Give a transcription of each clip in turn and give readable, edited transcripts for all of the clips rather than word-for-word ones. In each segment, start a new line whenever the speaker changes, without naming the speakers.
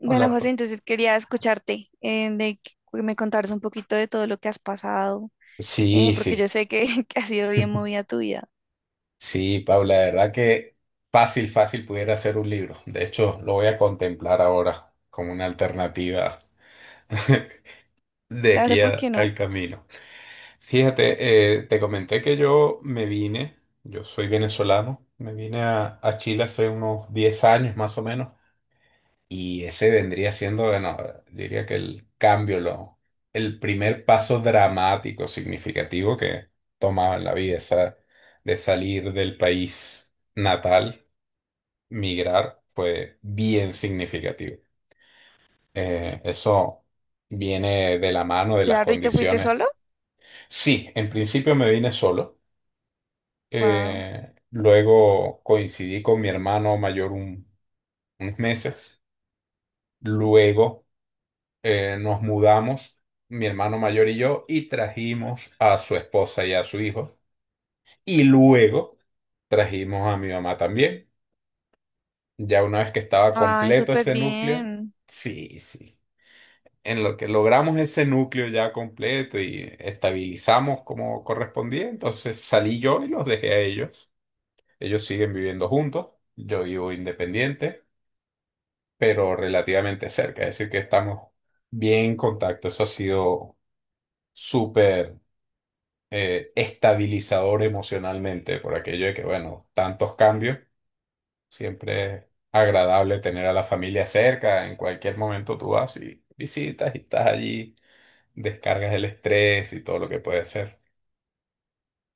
Bueno,
Hola, Pa-
José, entonces quería escucharte, de que me contaras un poquito de todo lo que has pasado,
Sí,
porque yo
sí.
sé que, que ha sido bien movida tu vida.
Sí, Paula, la verdad que fácil, fácil pudiera hacer un libro. De hecho, lo voy a contemplar ahora como una alternativa de
Claro, ¿por qué no?
al camino. Fíjate, te comenté que yo me vine, yo soy venezolano, me vine a Chile hace unos 10 años más o menos. Y ese vendría siendo, bueno, diría que el primer paso dramático, significativo que tomaba en la vida, de salir del país natal, migrar, fue bien significativo. Eso viene de la mano de las
Claro, ¿y te fuiste
condiciones.
solo?
Sí, en principio me vine solo.
Wow.
Luego coincidí con mi hermano mayor unos meses. Luego nos mudamos, mi hermano mayor y yo, y trajimos a su esposa y a su hijo. Y luego trajimos a mi mamá también. Ya una vez que estaba
Ay,
completo
súper
ese núcleo,
bien.
sí, sí. En lo que logramos ese núcleo ya completo y estabilizamos como correspondía, entonces salí yo y los dejé a ellos. Ellos siguen viviendo juntos, yo vivo independiente, pero relativamente cerca, es decir, que estamos bien en contacto. Eso ha sido súper estabilizador emocionalmente, por aquello de que, bueno, tantos cambios, siempre es agradable tener a la familia cerca, en cualquier momento tú vas y visitas y estás allí, descargas el estrés y todo lo que puede ser.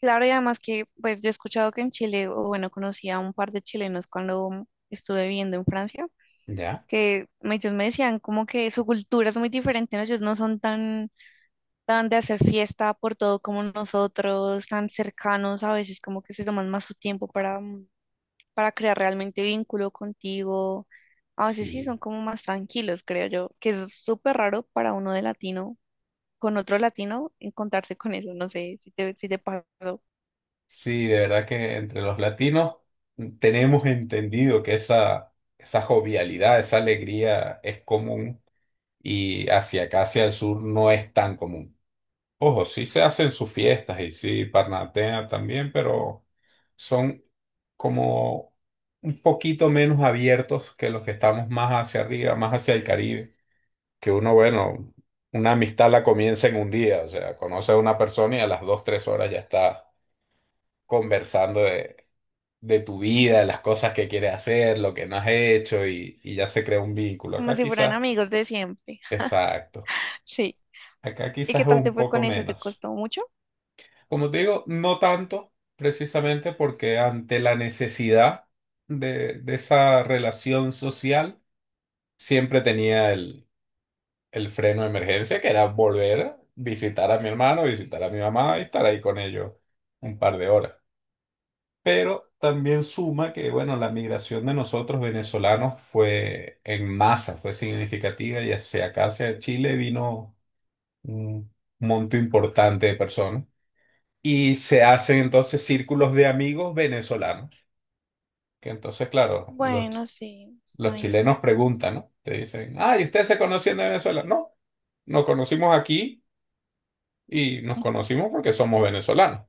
Claro, y además que, pues yo he escuchado que en Chile, o bueno, conocí a un par de chilenos cuando estuve viviendo en Francia,
¿Ya?
que me- ellos me decían como que su cultura es muy diferente, ¿no? Ellos no son tan de hacer fiesta por todo como nosotros, tan cercanos, a veces como que se toman más su tiempo para, para crear realmente vínculo contigo. A veces sí
Sí.
son como más tranquilos, creo yo, que es súper raro para uno de latino, con otro latino, encontrarse con eso, no sé si te pasó,
Sí, de verdad que entre los latinos tenemos entendido que esa jovialidad, esa alegría es común y hacia acá, hacia el sur, no es tan común. Ojo, sí se hacen sus fiestas y sí parnatean también, pero son como un poquito menos abiertos que los que estamos más hacia arriba, más hacia el Caribe. Que uno, bueno, una amistad la comienza en un día, o sea, conoce a una persona y a las 2, 3 horas ya está conversando de tu vida, de las cosas que quieres hacer, lo que no has hecho y ya se crea un vínculo.
como
Acá
si fueran
quizás,
amigos de siempre.
exacto,
Sí.
acá
¿Y
quizás
qué
es
tal te
un
fue
poco
con eso? ¿Te
menos.
costó mucho?
Como te digo, no tanto, precisamente porque ante la necesidad de esa relación social, siempre tenía el freno de emergencia, que era volver a visitar a mi hermano, visitar a mi mamá y estar ahí con ellos un par de horas. Pero también suma que, bueno, la migración de nosotros venezolanos fue en masa, fue significativa y hacia acá, hacia Chile, vino un monto importante de personas. Y se hacen entonces círculos de amigos venezolanos. Que entonces, claro,
Bueno, sí, está
los
bien.
chilenos preguntan, ¿no? Te dicen, ah, ¿y ustedes se conocían de Venezuela? No, nos conocimos aquí y nos conocimos porque somos venezolanos.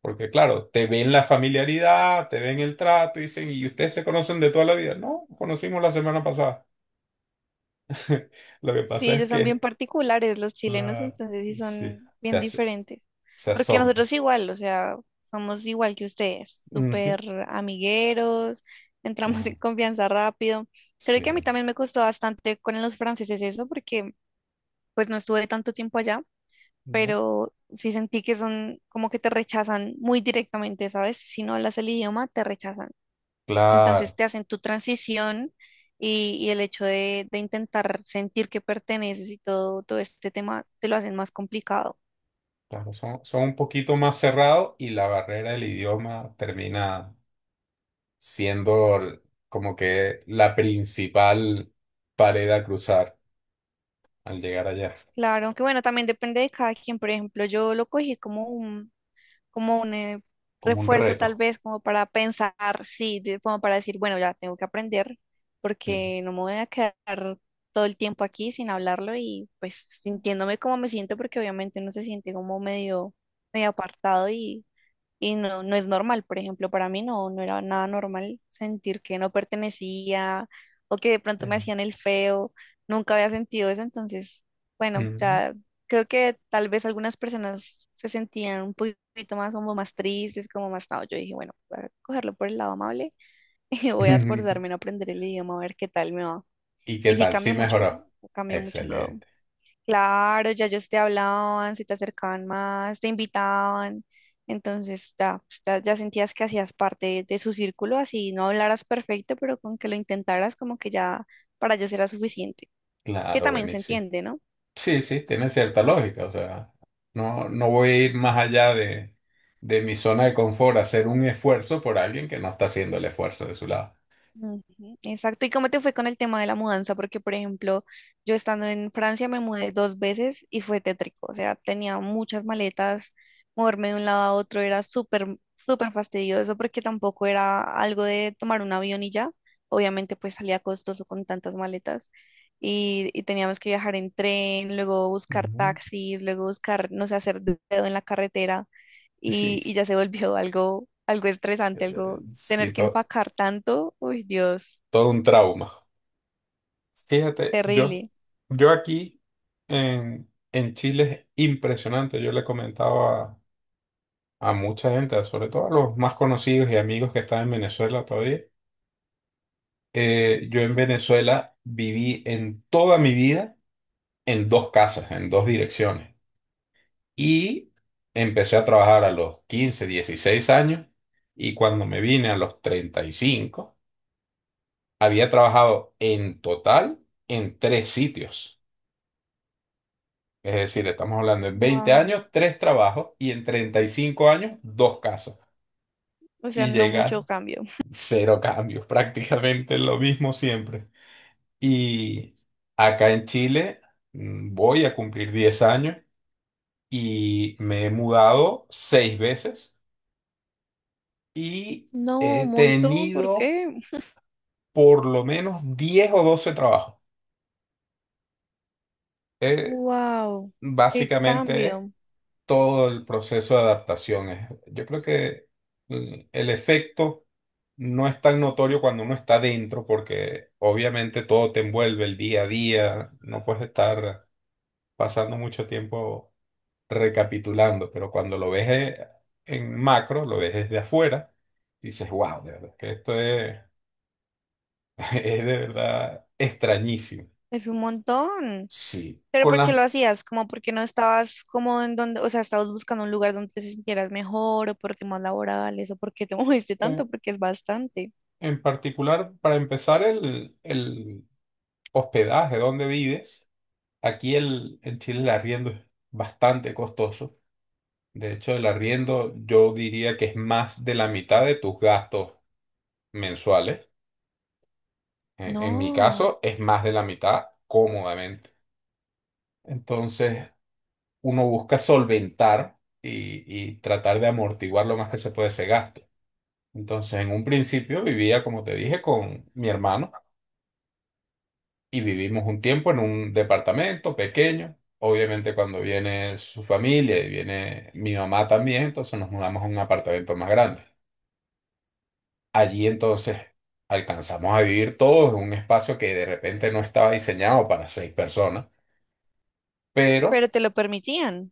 Porque, claro, te ven la familiaridad, te ven el trato y dicen, ¿y ustedes se conocen de toda la vida? No, nos conocimos la semana pasada. Lo que
Sí,
pasa es
ellos son bien
que
particulares, los chilenos,
la...
entonces sí
sí,
son
se,
bien
as-
diferentes.
se
Porque
asombra.
nosotros igual, o sea, somos igual que ustedes,
Ujú.
súper amigueros, entramos en
Claro,
confianza rápido. Creo
sí.
que a mí también me costó bastante con los franceses eso, porque pues no estuve tanto tiempo allá,
¿No?
pero sí sentí que son como que te rechazan muy directamente, ¿sabes? Si no hablas el idioma, te rechazan. Entonces
Claro.
te hacen tu transición y el hecho de intentar sentir que perteneces y todo, todo este tema te lo hacen más complicado.
Claro, son, son un poquito más cerrados y la barrera del idioma termina siendo l- como que la principal pared a cruzar al llegar allá,
Claro, aunque bueno, también depende de cada quien. Por ejemplo, yo lo cogí como un
como un
refuerzo tal
reto.
vez, como para pensar, sí, como para decir, bueno, ya tengo que aprender
Sí.
porque no me voy a quedar todo el tiempo aquí sin hablarlo y pues sintiéndome como me siento porque obviamente uno se siente como medio, medio apartado y no, no es normal, por ejemplo, para mí no, no era nada normal sentir que no pertenecía o que de
Sí.
pronto me hacían el feo, nunca había sentido eso, entonces, bueno,
Ujú.
ya creo que tal vez algunas personas se sentían un poquito más como más tristes, como más, no, yo dije, bueno, voy a cogerlo por el lado amable y voy a esforzarme en aprender el idioma, a ver qué tal me va.
¿Y qué
Y sí,
tal? Sí, mejoró.
cambió mucho todo.
Excelente.
Claro, ya ellos te hablaban, se te acercaban más, te invitaban. Entonces, ya, pues, ya sentías que hacías parte de su círculo, así no hablaras perfecto, pero con que lo intentaras, como que ya para ellos era suficiente. Que
Claro,
también se
buenísimo.
entiende, ¿no?
Sí, sí, tiene cierta lógica. O sea, no, no voy a ir más allá de mi zona de confort, a hacer un esfuerzo por alguien que no está haciendo el esfuerzo de su lado.
Ujú, exacto. ¿Y cómo te fue con el tema de la mudanza? Porque, por ejemplo, yo estando en Francia me mudé dos veces y fue tétrico. O sea, tenía muchas maletas, moverme de un lado a otro era súper, súper fastidioso porque tampoco era algo de tomar un avión y ya. Obviamente, pues salía costoso con tantas maletas y teníamos que viajar en tren, luego buscar
Ujú.
taxis, luego buscar, no sé, hacer dedo en la carretera
Sí.
y ya se volvió algo estresante,
Eh, Sí,
tener que
to-
empacar tanto, uy, Dios,
todo un trauma. Fíjate,
terrible.
yo aquí en Chile es impresionante. Yo le comentaba a mucha gente, sobre todo a los más conocidos y amigos que están en Venezuela todavía. Yo en Venezuela viví en toda mi vida en dos casas, en dos direcciones. Y empecé a trabajar a los 15 16 años y cuando me vine a los 35 había trabajado en total en tres sitios. Es decir, estamos hablando en 20
Wow.
años, tres trabajos y en 35 años, dos casos.
O sea,
Y
no mucho
llegan
cambio.
cero cambios, prácticamente lo mismo siempre. Y acá en Chile, voy a cumplir 10 años y me he mudado seis veces y
No,
he
un montón, ¿por
tenido
qué?
por lo menos 10 o 12 trabajos. Eh,
Wow, qué
básicamente
cambio.
todo el proceso de adaptación. Yo creo que el efecto no es tan notorio cuando uno está dentro, porque obviamente todo te envuelve el día a día, no puedes estar pasando mucho tiempo recapitulando, pero cuando lo ves en macro, lo ves desde afuera, dices, wow, de verdad, que esto es, es de verdad extrañísimo.
Es un montón.
Sí.
Pero ¿por qué lo hacías? Como porque no estabas como en donde, o sea, estabas buscando un lugar donde te sintieras mejor o por temas laborales o porque te moviste tanto,
En
porque es bastante.
en particular, para empezar, el hospedaje, donde vives. En Chile el arriendo es bastante costoso. De hecho, el arriendo yo diría que es más de la mitad de tus gastos mensuales. En mi
No,
caso, es más de la mitad cómodamente. Entonces, uno busca solventar y tratar de amortiguar lo más que se puede ese gasto. Entonces, en un principio vivía, como te dije, con mi hermano. Y vivimos un tiempo en un departamento pequeño. Obviamente cuando viene su familia y viene mi mamá también, entonces nos mudamos a un apartamento más grande. Allí entonces alcanzamos a vivir todos en un espacio que de repente no estaba diseñado para seis personas, pero
pero te lo permitían.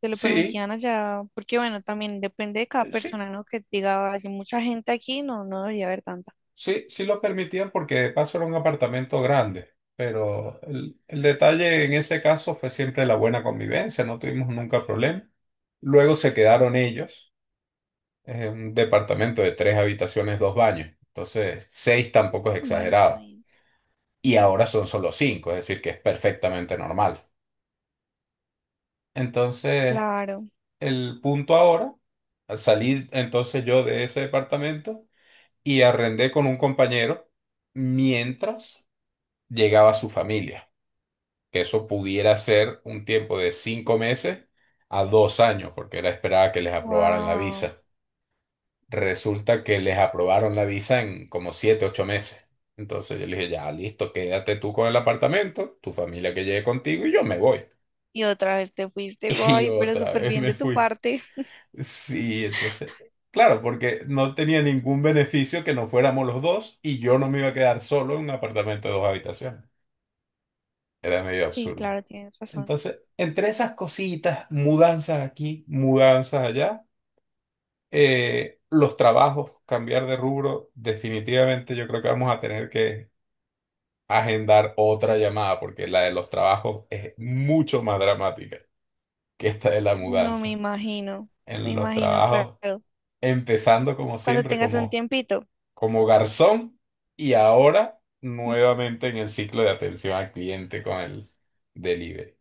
Te lo
sí,
permitían allá, porque bueno, también depende de cada
sí,
persona, ¿no? Que diga, hay mucha gente aquí, no, no debería haber tanta.
sí lo permitían porque de paso era un apartamento grande. Pero el detalle en ese caso fue siempre la buena convivencia, no tuvimos nunca problema. Luego se quedaron ellos. Es un departamento de tres habitaciones, dos baños. Entonces, seis tampoco es
Bueno, está
exagerado.
bien.
Y ahora son solo cinco, es decir, que es perfectamente normal. Entonces,
Claro.
el punto ahora, salí entonces yo de ese departamento y arrendé con un compañero mientras llegaba su familia, que eso pudiera ser un tiempo de 5 meses a 2 años, porque era esperada que les aprobaran la
Wow.
visa. Resulta que les aprobaron la visa en como 7, 8 meses. Entonces yo le dije, ya, listo, quédate tú con el apartamento, tu familia que llegue contigo y yo me voy.
Y otra vez te fuiste,
Y
guay, pero
otra
súper
vez
bien
me
de tu
fui.
parte.
Sí, entonces, claro, porque no tenía ningún beneficio que no fuéramos los dos y yo no me iba a quedar solo en un apartamento de dos habitaciones. Era medio
Sí,
absurdo.
claro, tienes razón.
Entonces, entre esas cositas, mudanzas aquí, mudanzas allá. Los trabajos, cambiar de rubro, definitivamente yo creo que vamos a tener que agendar otra llamada porque la de los trabajos es mucho más dramática que esta de la
No me
mudanza.
imagino. Me
En los
imagino, claro.
trabajos, empezando como
Cuando
siempre,
tengas un tiempito.
como garzón y ahora nuevamente en el ciclo de atención al cliente con el delivery.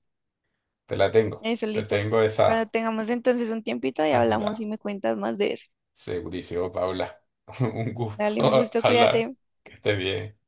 Eso,
Te
listo.
tengo
Cuando
esa
tengamos entonces un tiempito y hablamos
agenda.
y me cuentas más de eso.
Segurísimo, Paula. Un
Dale un
gusto
gusto,
hablar.
cuídate.
Que esté bien.